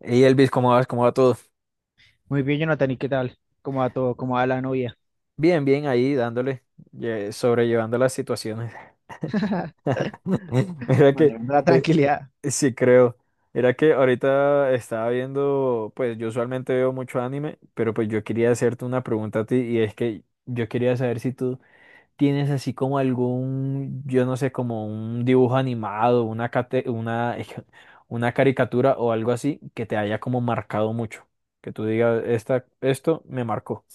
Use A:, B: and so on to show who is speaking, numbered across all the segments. A: Y Elvis, ¿cómo vas? ¿Cómo va todo?
B: Muy bien, Jonathan, ¿y qué tal? ¿Cómo va todo? ¿Cómo va la novia?
A: Bien, bien, ahí dándole, sobrellevando las situaciones. Mira que,
B: Manejando la
A: eh,
B: tranquilidad.
A: sí creo, era que ahorita estaba viendo, pues yo usualmente veo mucho anime, pero pues yo quería hacerte una pregunta a ti y es que yo quería saber si tú tienes así como algún, yo no sé, como un dibujo animado, una, una caricatura o algo así que te haya como marcado mucho, que tú digas, esta, esto me marcó.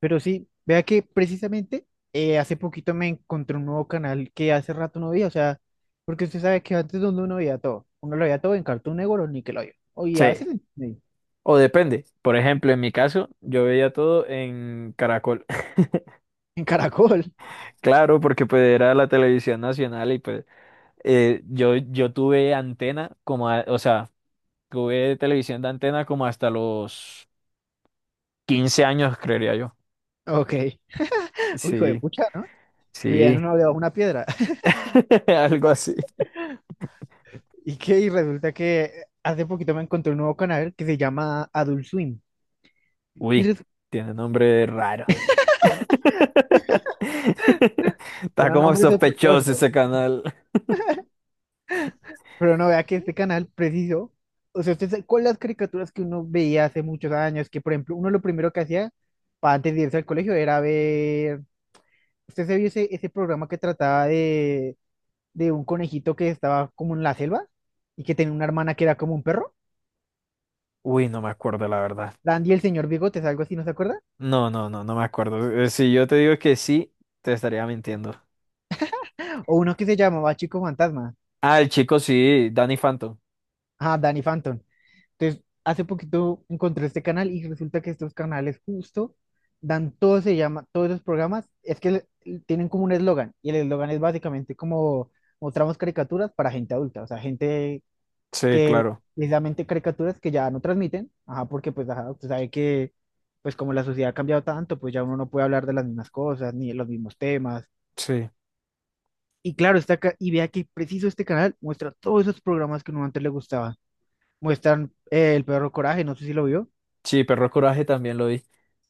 B: Pero sí, vea que precisamente hace poquito me encontré un nuevo canal que hace rato no veía, o sea, porque usted sabe que antes donde uno veía todo, uno lo veía todo en Cartoon Network o Nickelodeon, o y a
A: Sí.
B: veces en
A: O depende. Por ejemplo, en mi caso, yo veía todo en Caracol.
B: en Caracol.
A: Claro, porque pues era la televisión nacional y pues yo tuve antena como, o sea, tuve televisión de antena como hasta los 15 años, creería yo.
B: Ok, uy, hijo de
A: Sí,
B: pucha, ¿no? Vivía en
A: sí,
B: una, debajo de una piedra.
A: algo así.
B: Y resulta que hace poquito me encontré un nuevo canal que se llama Adult Swim. Y
A: Uy,
B: resulta
A: tiene nombre raro. Está
B: un
A: como
B: nombre
A: sospechoso ese
B: sospechoso.
A: canal.
B: Pero no vea que este canal preciso, o sea, usted sabe, con las caricaturas que uno veía hace muchos años, que por ejemplo, uno lo primero que hacía para antes de irse al colegio era ver, usted se vio ese, ese programa que trataba de un conejito que estaba como en la selva y que tenía una hermana que era como un perro,
A: Uy, no me acuerdo, la verdad.
B: Dandy el señor Bigotes, algo así, ¿no se acuerda?
A: No, no, no, no me acuerdo. Si yo te digo que sí, te estaría mintiendo.
B: O uno que se llamaba Chico Fantasma,
A: Ah, el chico sí, Danny Phantom.
B: ah, Danny Phantom. Entonces, hace poquito encontré este canal y resulta que estos canales justo dan todo, se llama, todos los programas, es que tienen como un eslogan y el eslogan es básicamente como mostramos caricaturas para gente adulta, o sea, gente
A: Sí,
B: que
A: claro.
B: precisamente caricaturas que ya no transmiten, ajá, porque pues ajá, usted sabe que pues como la sociedad ha cambiado tanto, pues ya uno no puede hablar de las mismas cosas ni de los mismos temas.
A: Sí.
B: Y claro, está acá y vea que preciso este canal muestra todos esos programas que uno antes le gustaba. Muestran El Perro Coraje, no sé si lo vio.
A: Sí, Perro Coraje también lo vi.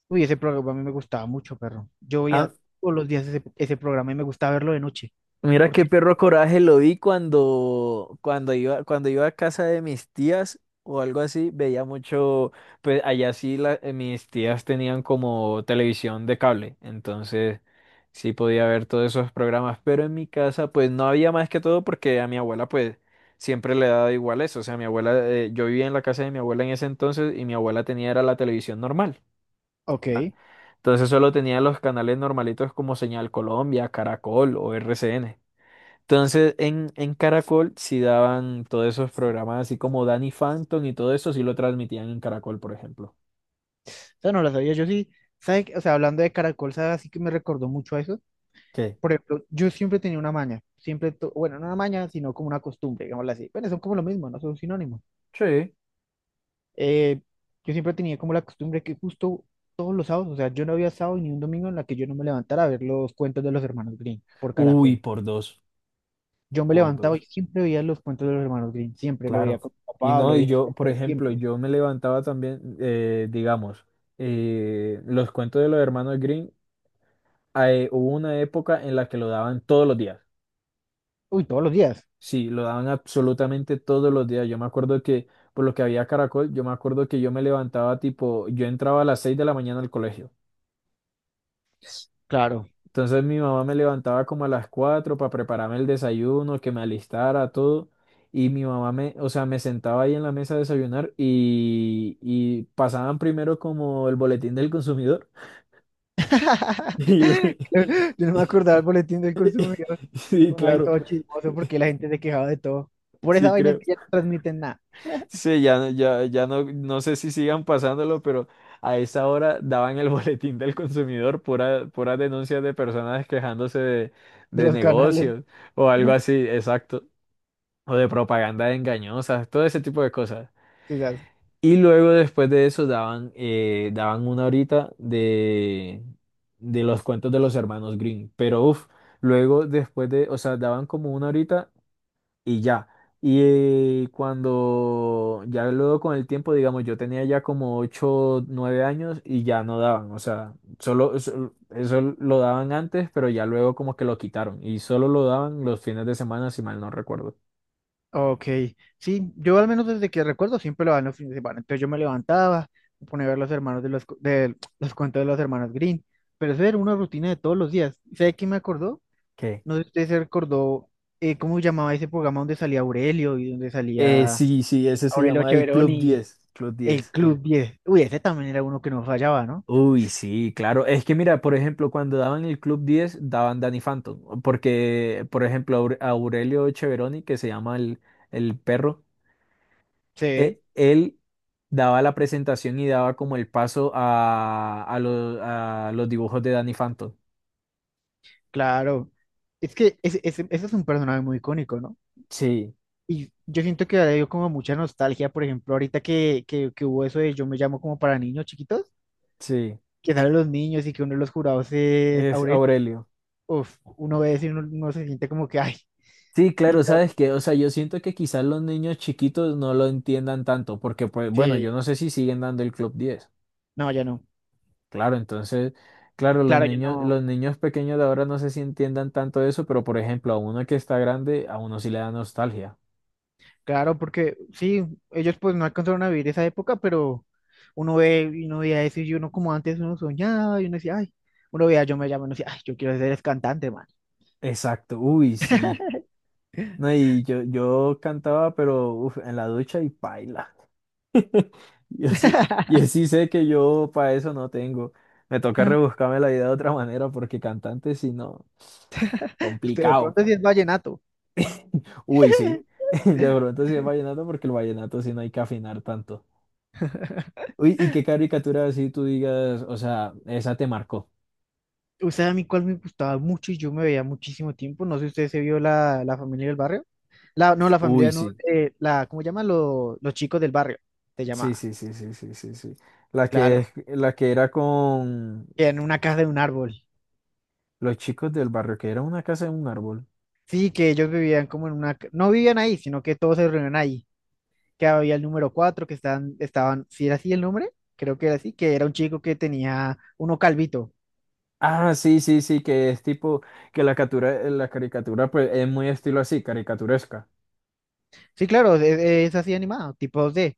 B: Uy, ese programa a mí me gustaba mucho, perro. Yo veía
A: Ah,
B: todos los días ese, ese programa y me gustaba verlo de noche.
A: mira qué
B: Porque,
A: perro coraje lo vi cuando, cuando iba a casa de mis tías o algo así, veía mucho, pues allá sí mis tías tenían como televisión de cable, entonces sí podía ver todos esos programas, pero en mi casa pues no había más que todo porque a mi abuela pues siempre le daba igual eso, o sea, mi abuela, yo vivía en la casa de mi abuela en ese entonces y mi abuela tenía era la televisión normal,
B: ok, o
A: entonces solo tenía los canales normalitos como Señal Colombia, Caracol o RCN. Entonces, en Caracol sí daban todos esos programas, así como Danny Phantom y todo eso, sí lo transmitían en Caracol, por ejemplo.
B: sea, no la sabía. Yo sí, ¿sabe qué? O sea, hablando de Caracol, ¿sabe? Así que me recordó mucho a eso.
A: ¿Qué?
B: Por ejemplo, yo siempre tenía una maña. Siempre, bueno, no una maña, sino como una costumbre, digámoslo así. Bueno, son como lo mismo, no son sinónimos.
A: Sí.
B: Eh, yo siempre tenía como la costumbre que justo todos los sábados, o sea, yo no había sábado ni un domingo en la que yo no me levantara a ver los cuentos de los hermanos Green por
A: Uy,
B: Caracol. Yo me
A: por
B: levantaba y
A: dos,
B: siempre veía los cuentos de los hermanos Grimm, siempre lo veía
A: claro.
B: con mi
A: Y
B: papá,
A: no,
B: lo
A: y
B: veía solo,
A: yo, por
B: pero
A: ejemplo,
B: siempre.
A: yo me levantaba también, digamos, los cuentos de los hermanos Green hubo una época en la que lo daban todos los días.
B: Uy, todos los días,
A: Sí, lo daban absolutamente todos los días. Yo me acuerdo que, por lo que había Caracol, yo me acuerdo que yo me levantaba tipo, yo entraba a las 6 de la mañana al colegio.
B: claro.
A: Entonces mi mamá me levantaba como a las 4 para prepararme el desayuno, que me alistara, todo. Y mi mamá me, o sea, me sentaba ahí en la mesa a desayunar y pasaban primero como el boletín del consumidor. Y,
B: Yo no me acordaba del boletín del consumidor.
A: sí,
B: Uno ahí
A: claro,
B: todo chismoso porque la gente se quejaba de todo. Por esa
A: sí
B: vaina es
A: creo.
B: que ya no transmiten nada
A: Sí, ya, ya no, no sé si sigan pasándolo, pero a esa hora daban el boletín del consumidor, pura, puras denuncias de personas quejándose
B: de
A: de
B: los canales.
A: negocios o algo así, exacto. O de propaganda engañosa todo ese tipo de cosas.
B: Quizás.
A: Y luego después de eso daban, daban una horita de los cuentos de los hermanos Green. Pero uff, luego después de, o sea, daban como una horita y ya. Y cuando ya luego con el tiempo, digamos, yo tenía ya como 8 9 años y ya no daban, o sea, solo eso, eso lo daban antes, pero ya luego como que lo quitaron y solo lo daban los fines de semana, si mal no recuerdo.
B: Ok, sí, yo al menos desde que recuerdo siempre lo dan los fines de semana. Entonces yo me levantaba, me ponía a ver los hermanos de los, de los cuentos de los hermanos Green, pero eso era una rutina de todos los días. ¿Sabe quién me acordó? No sé si usted se recordó cómo se llamaba ese programa donde salía Aurelio y donde salía
A: Sí, sí, ese se
B: Aurelio
A: llama el
B: Cheverón
A: Club
B: y
A: Diez, Club
B: el
A: Diez.
B: Club diez. Uy, ese también era uno que no fallaba, ¿no?
A: Uy, sí, claro. Es que mira, por ejemplo, cuando daban el Club Diez daban Danny Phantom. Porque, por ejemplo, Aurelio Cheveroni, que se llama el perro,
B: Sí,
A: él daba la presentación y daba como el paso a los dibujos de Danny Phantom.
B: claro. Es que ese es un personaje muy icónico, ¿no?
A: Sí,
B: Y yo siento que le dio como mucha nostalgia, por ejemplo, ahorita que hubo eso de Yo me llamo como para niños chiquitos,
A: sí,
B: que salen los niños y que uno de los jurados es
A: es
B: Aurelio.
A: Aurelio.
B: Uf, uno ve eso y uno, uno se siente como que, ay,
A: Sí, claro, sabes
B: literal,
A: que, o sea, yo siento que quizás los niños chiquitos no lo entiendan tanto, porque pues, bueno, yo
B: sí,
A: no sé si siguen dando el Club Diez.
B: no, ya no.
A: Claro, entonces, claro,
B: Claro, yo no.
A: los niños pequeños de ahora no sé si entiendan tanto eso, pero por ejemplo, a uno que está grande, a uno sí le da nostalgia.
B: Claro, porque sí, ellos pues no alcanzaron a vivir esa época, pero uno ve y uno veía eso y uno como antes uno soñaba y uno decía, ay, uno veía, yo me llamo y uno decía, ay, yo quiero ser es cantante, man.
A: Exacto, uy, sí. No, y yo cantaba, pero uf, en la ducha y paila. Yo sí, yo sí sé que yo para eso no tengo. Me toca rebuscarme la vida de otra manera porque cantante si no,
B: Usted de
A: complicado.
B: pronto sí es vallenato.
A: Uy, sí. De pronto sí es vallenato porque el vallenato sí no hay que afinar tanto. Uy, ¿y qué caricatura así tú digas, o sea, esa te marcó?
B: Usted a mí cuál me gustaba mucho y yo me veía muchísimo tiempo. No sé si usted se vio la, la familia del barrio. La, no, la familia
A: Uy,
B: no,
A: sí,
B: la, ¿cómo llaman? Los chicos del barrio, se
A: sí,
B: llamaba.
A: sí, sí, sí, sí, sí, sí. La que,
B: Claro,
A: la que era con
B: en una casa de un árbol.
A: los chicos del barrio, que era una casa en un árbol.
B: Sí, que ellos vivían como en una, no vivían ahí, sino que todos se reunían ahí. Que había el número 4 que estaban, estaban, si era así el nombre, creo que era así, que era un chico que tenía uno calvito.
A: Ah, sí, sí, sí, que es tipo, que la captura, la caricatura, pues, es muy estilo así, caricaturesca.
B: Sí, claro, es así animado, tipo 2D,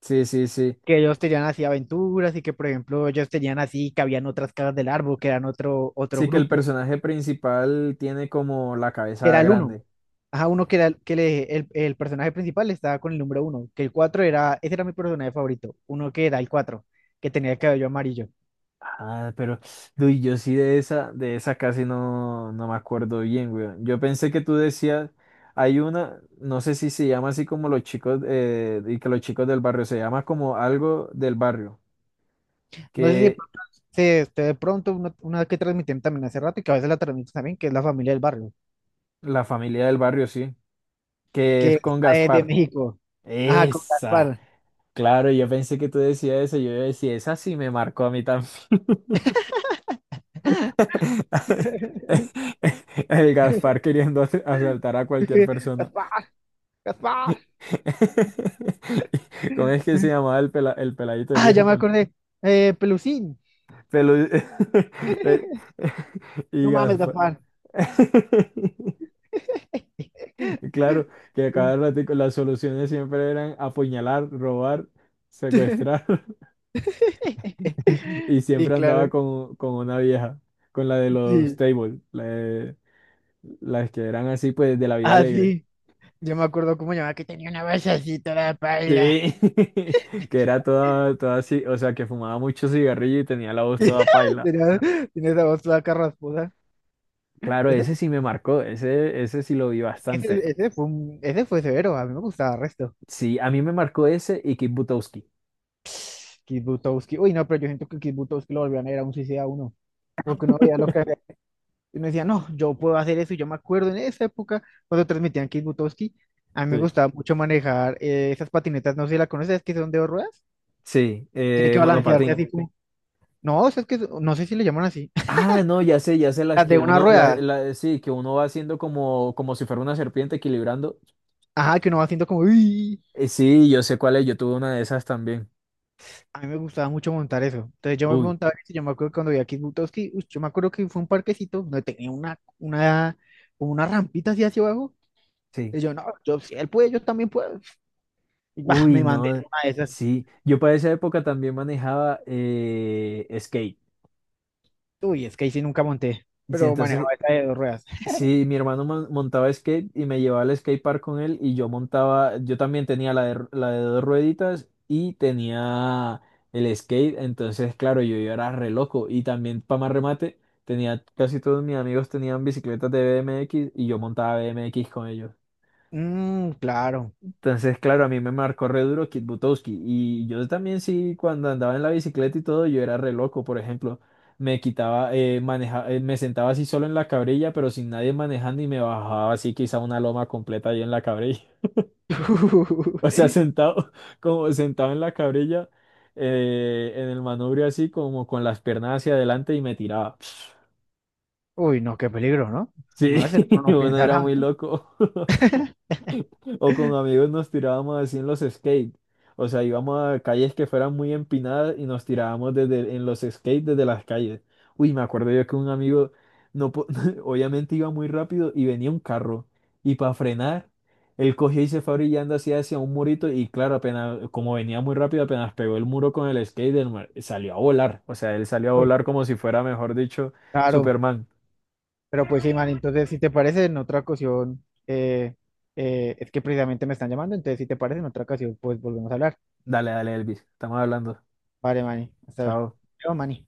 A: Sí, sí, sí.
B: que ellos tenían así aventuras y que, por ejemplo, ellos tenían así, que habían otras caras del árbol, que eran otro, otro
A: Sí, que el
B: grupo,
A: personaje principal tiene como la
B: que
A: cabeza
B: era el Mm. uno.
A: grande.
B: Ajá, uno que era el personaje principal estaba con el número uno, que el 4 era, ese era mi personaje favorito, uno que era el 4 que tenía el cabello amarillo.
A: Ah, pero uy, yo sí de esa casi no, no me acuerdo bien, güey. Yo pensé que tú decías, hay una, no sé si se llama así como los chicos, y que los chicos del barrio, se llama como algo del barrio,
B: No sé si de
A: que
B: pronto, este, de pronto una que transmitían también hace rato y que a veces la transmiten también, que es la familia del barrio.
A: la familia del barrio, sí, que
B: Que
A: es con
B: esta es de
A: Gaspar.
B: México. Ajá, con
A: Esa,
B: Gaspar.
A: claro, yo pensé que tú decías eso, yo decía, esa sí me marcó a mí también. El Gaspar queriendo asaltar a
B: Es
A: cualquier
B: que,
A: persona.
B: Gaspar, Gaspar.
A: ¿Cómo es que se llamaba el, el peladito el
B: Ah, ya
A: hijo?
B: me acordé. Pelusín.
A: Pelu... Pe- y
B: No mames,
A: Gaspar.
B: Gaspar.
A: Claro, que a cada ratico las soluciones siempre eran apuñalar, robar, secuestrar. Y
B: Sí,
A: siempre andaba
B: claro.
A: con una vieja, con la de los
B: Sí.
A: tables, la de- las que eran así pues de la vida
B: Ah,
A: alegre.
B: sí. Yo me acuerdo cómo llamaba que tenía una voz así toda paila.
A: Sí, que era toda, toda así, o sea, que fumaba mucho cigarrillo y tenía la voz toda paila.
B: Tenía, tenía esa voz toda carraspuda.
A: Claro,
B: Ese,
A: ese sí me marcó, ese sí lo vi bastante.
B: ese fue un- ese fue severo. A mí me gustaba el resto.
A: Sí, a mí me marcó ese y Kit Butowski.
B: Kit Butowski. Uy, no, pero yo siento que Kit Butowski lo volvían a ver a un suicida uno. Porque uno veía lo que hacía. Y uno decía, no, yo puedo hacer eso. Y yo me acuerdo en esa época, cuando transmitían Kit Butowski, a mí me
A: Sí.
B: gustaba mucho manejar esas patinetas. No sé si la conoces, que son de dos ruedas.
A: Sí,
B: Tiene que sí, sí, las de balancearse
A: monopatín.
B: así conozco. Como. No, o sea, es que son- no sé si le llaman así.
A: Ah, no, ya sé las
B: Las
A: que
B: de una sí,
A: uno, la,
B: rueda. Sí.
A: sí, que uno va haciendo como, como si fuera una serpiente equilibrando.
B: Ajá, que uno va haciendo como. "Uy".
A: Sí, yo sé cuál es, yo tuve una de esas también.
B: A mí me gustaba mucho montar eso. Entonces yo me
A: Uy,
B: montaba eso. Y yo me acuerdo que cuando vi a Kit Butowski, uy, yo me acuerdo que fue un parquecito donde tenía una, como una rampita así hacia abajo.
A: sí.
B: Y yo, no, yo, si él puede, yo también puedo. Y bah,
A: Uy,
B: me mandé en
A: no,
B: una de esas.
A: sí. Yo para esa época también manejaba skate.
B: Uy, es que ahí sí nunca monté,
A: Y
B: pero
A: entonces
B: manejaba esa de dos ruedas.
A: sí, mi hermano montaba skate y me llevaba al skate park con él y yo montaba, yo también tenía la de, la de dos rueditas y tenía el skate, entonces claro, yo era re loco y también para más remate, tenía casi todos mis amigos tenían bicicletas de BMX y yo montaba BMX con ellos.
B: Mm, claro.
A: Entonces, claro, a mí me marcó re duro Kit Butowski. Y yo también sí, cuando andaba en la bicicleta y todo, yo era re loco. Por ejemplo, me quitaba, me sentaba así solo en la cabrilla, pero sin nadie manejando y me bajaba así quizá una loma completa yo en la cabrilla. O sea, sentado, como sentado en la cabrilla, en el manubrio así, como con las piernas hacia adelante y me tiraba.
B: Uy, no, qué peligro, ¿no? Una
A: Sí,
B: vez uno no
A: uno
B: piensa
A: era
B: nada,
A: muy
B: ¿no?
A: loco. O con amigos nos tirábamos así en los skates. O sea, íbamos a calles que fueran muy empinadas y nos tirábamos desde, en los skates desde las calles. Uy, me acuerdo yo que un amigo, no, obviamente iba muy rápido y venía un carro. Y para frenar, él cogió y se fue brillando así hacia un murito. Y claro, apenas, como venía muy rápido, apenas pegó el muro con el skate, salió a volar. O sea, él salió a
B: Uy,
A: volar como si fuera, mejor dicho,
B: claro,
A: Superman.
B: pero pues sí, man, entonces si te parece, en otra ocasión, es que precisamente me están llamando, entonces si te parece, en otra ocasión, pues volvemos a hablar.
A: Dale, dale, Elvis. Estamos hablando.
B: Vale, Mani, hasta
A: Chao.
B: luego, Mani.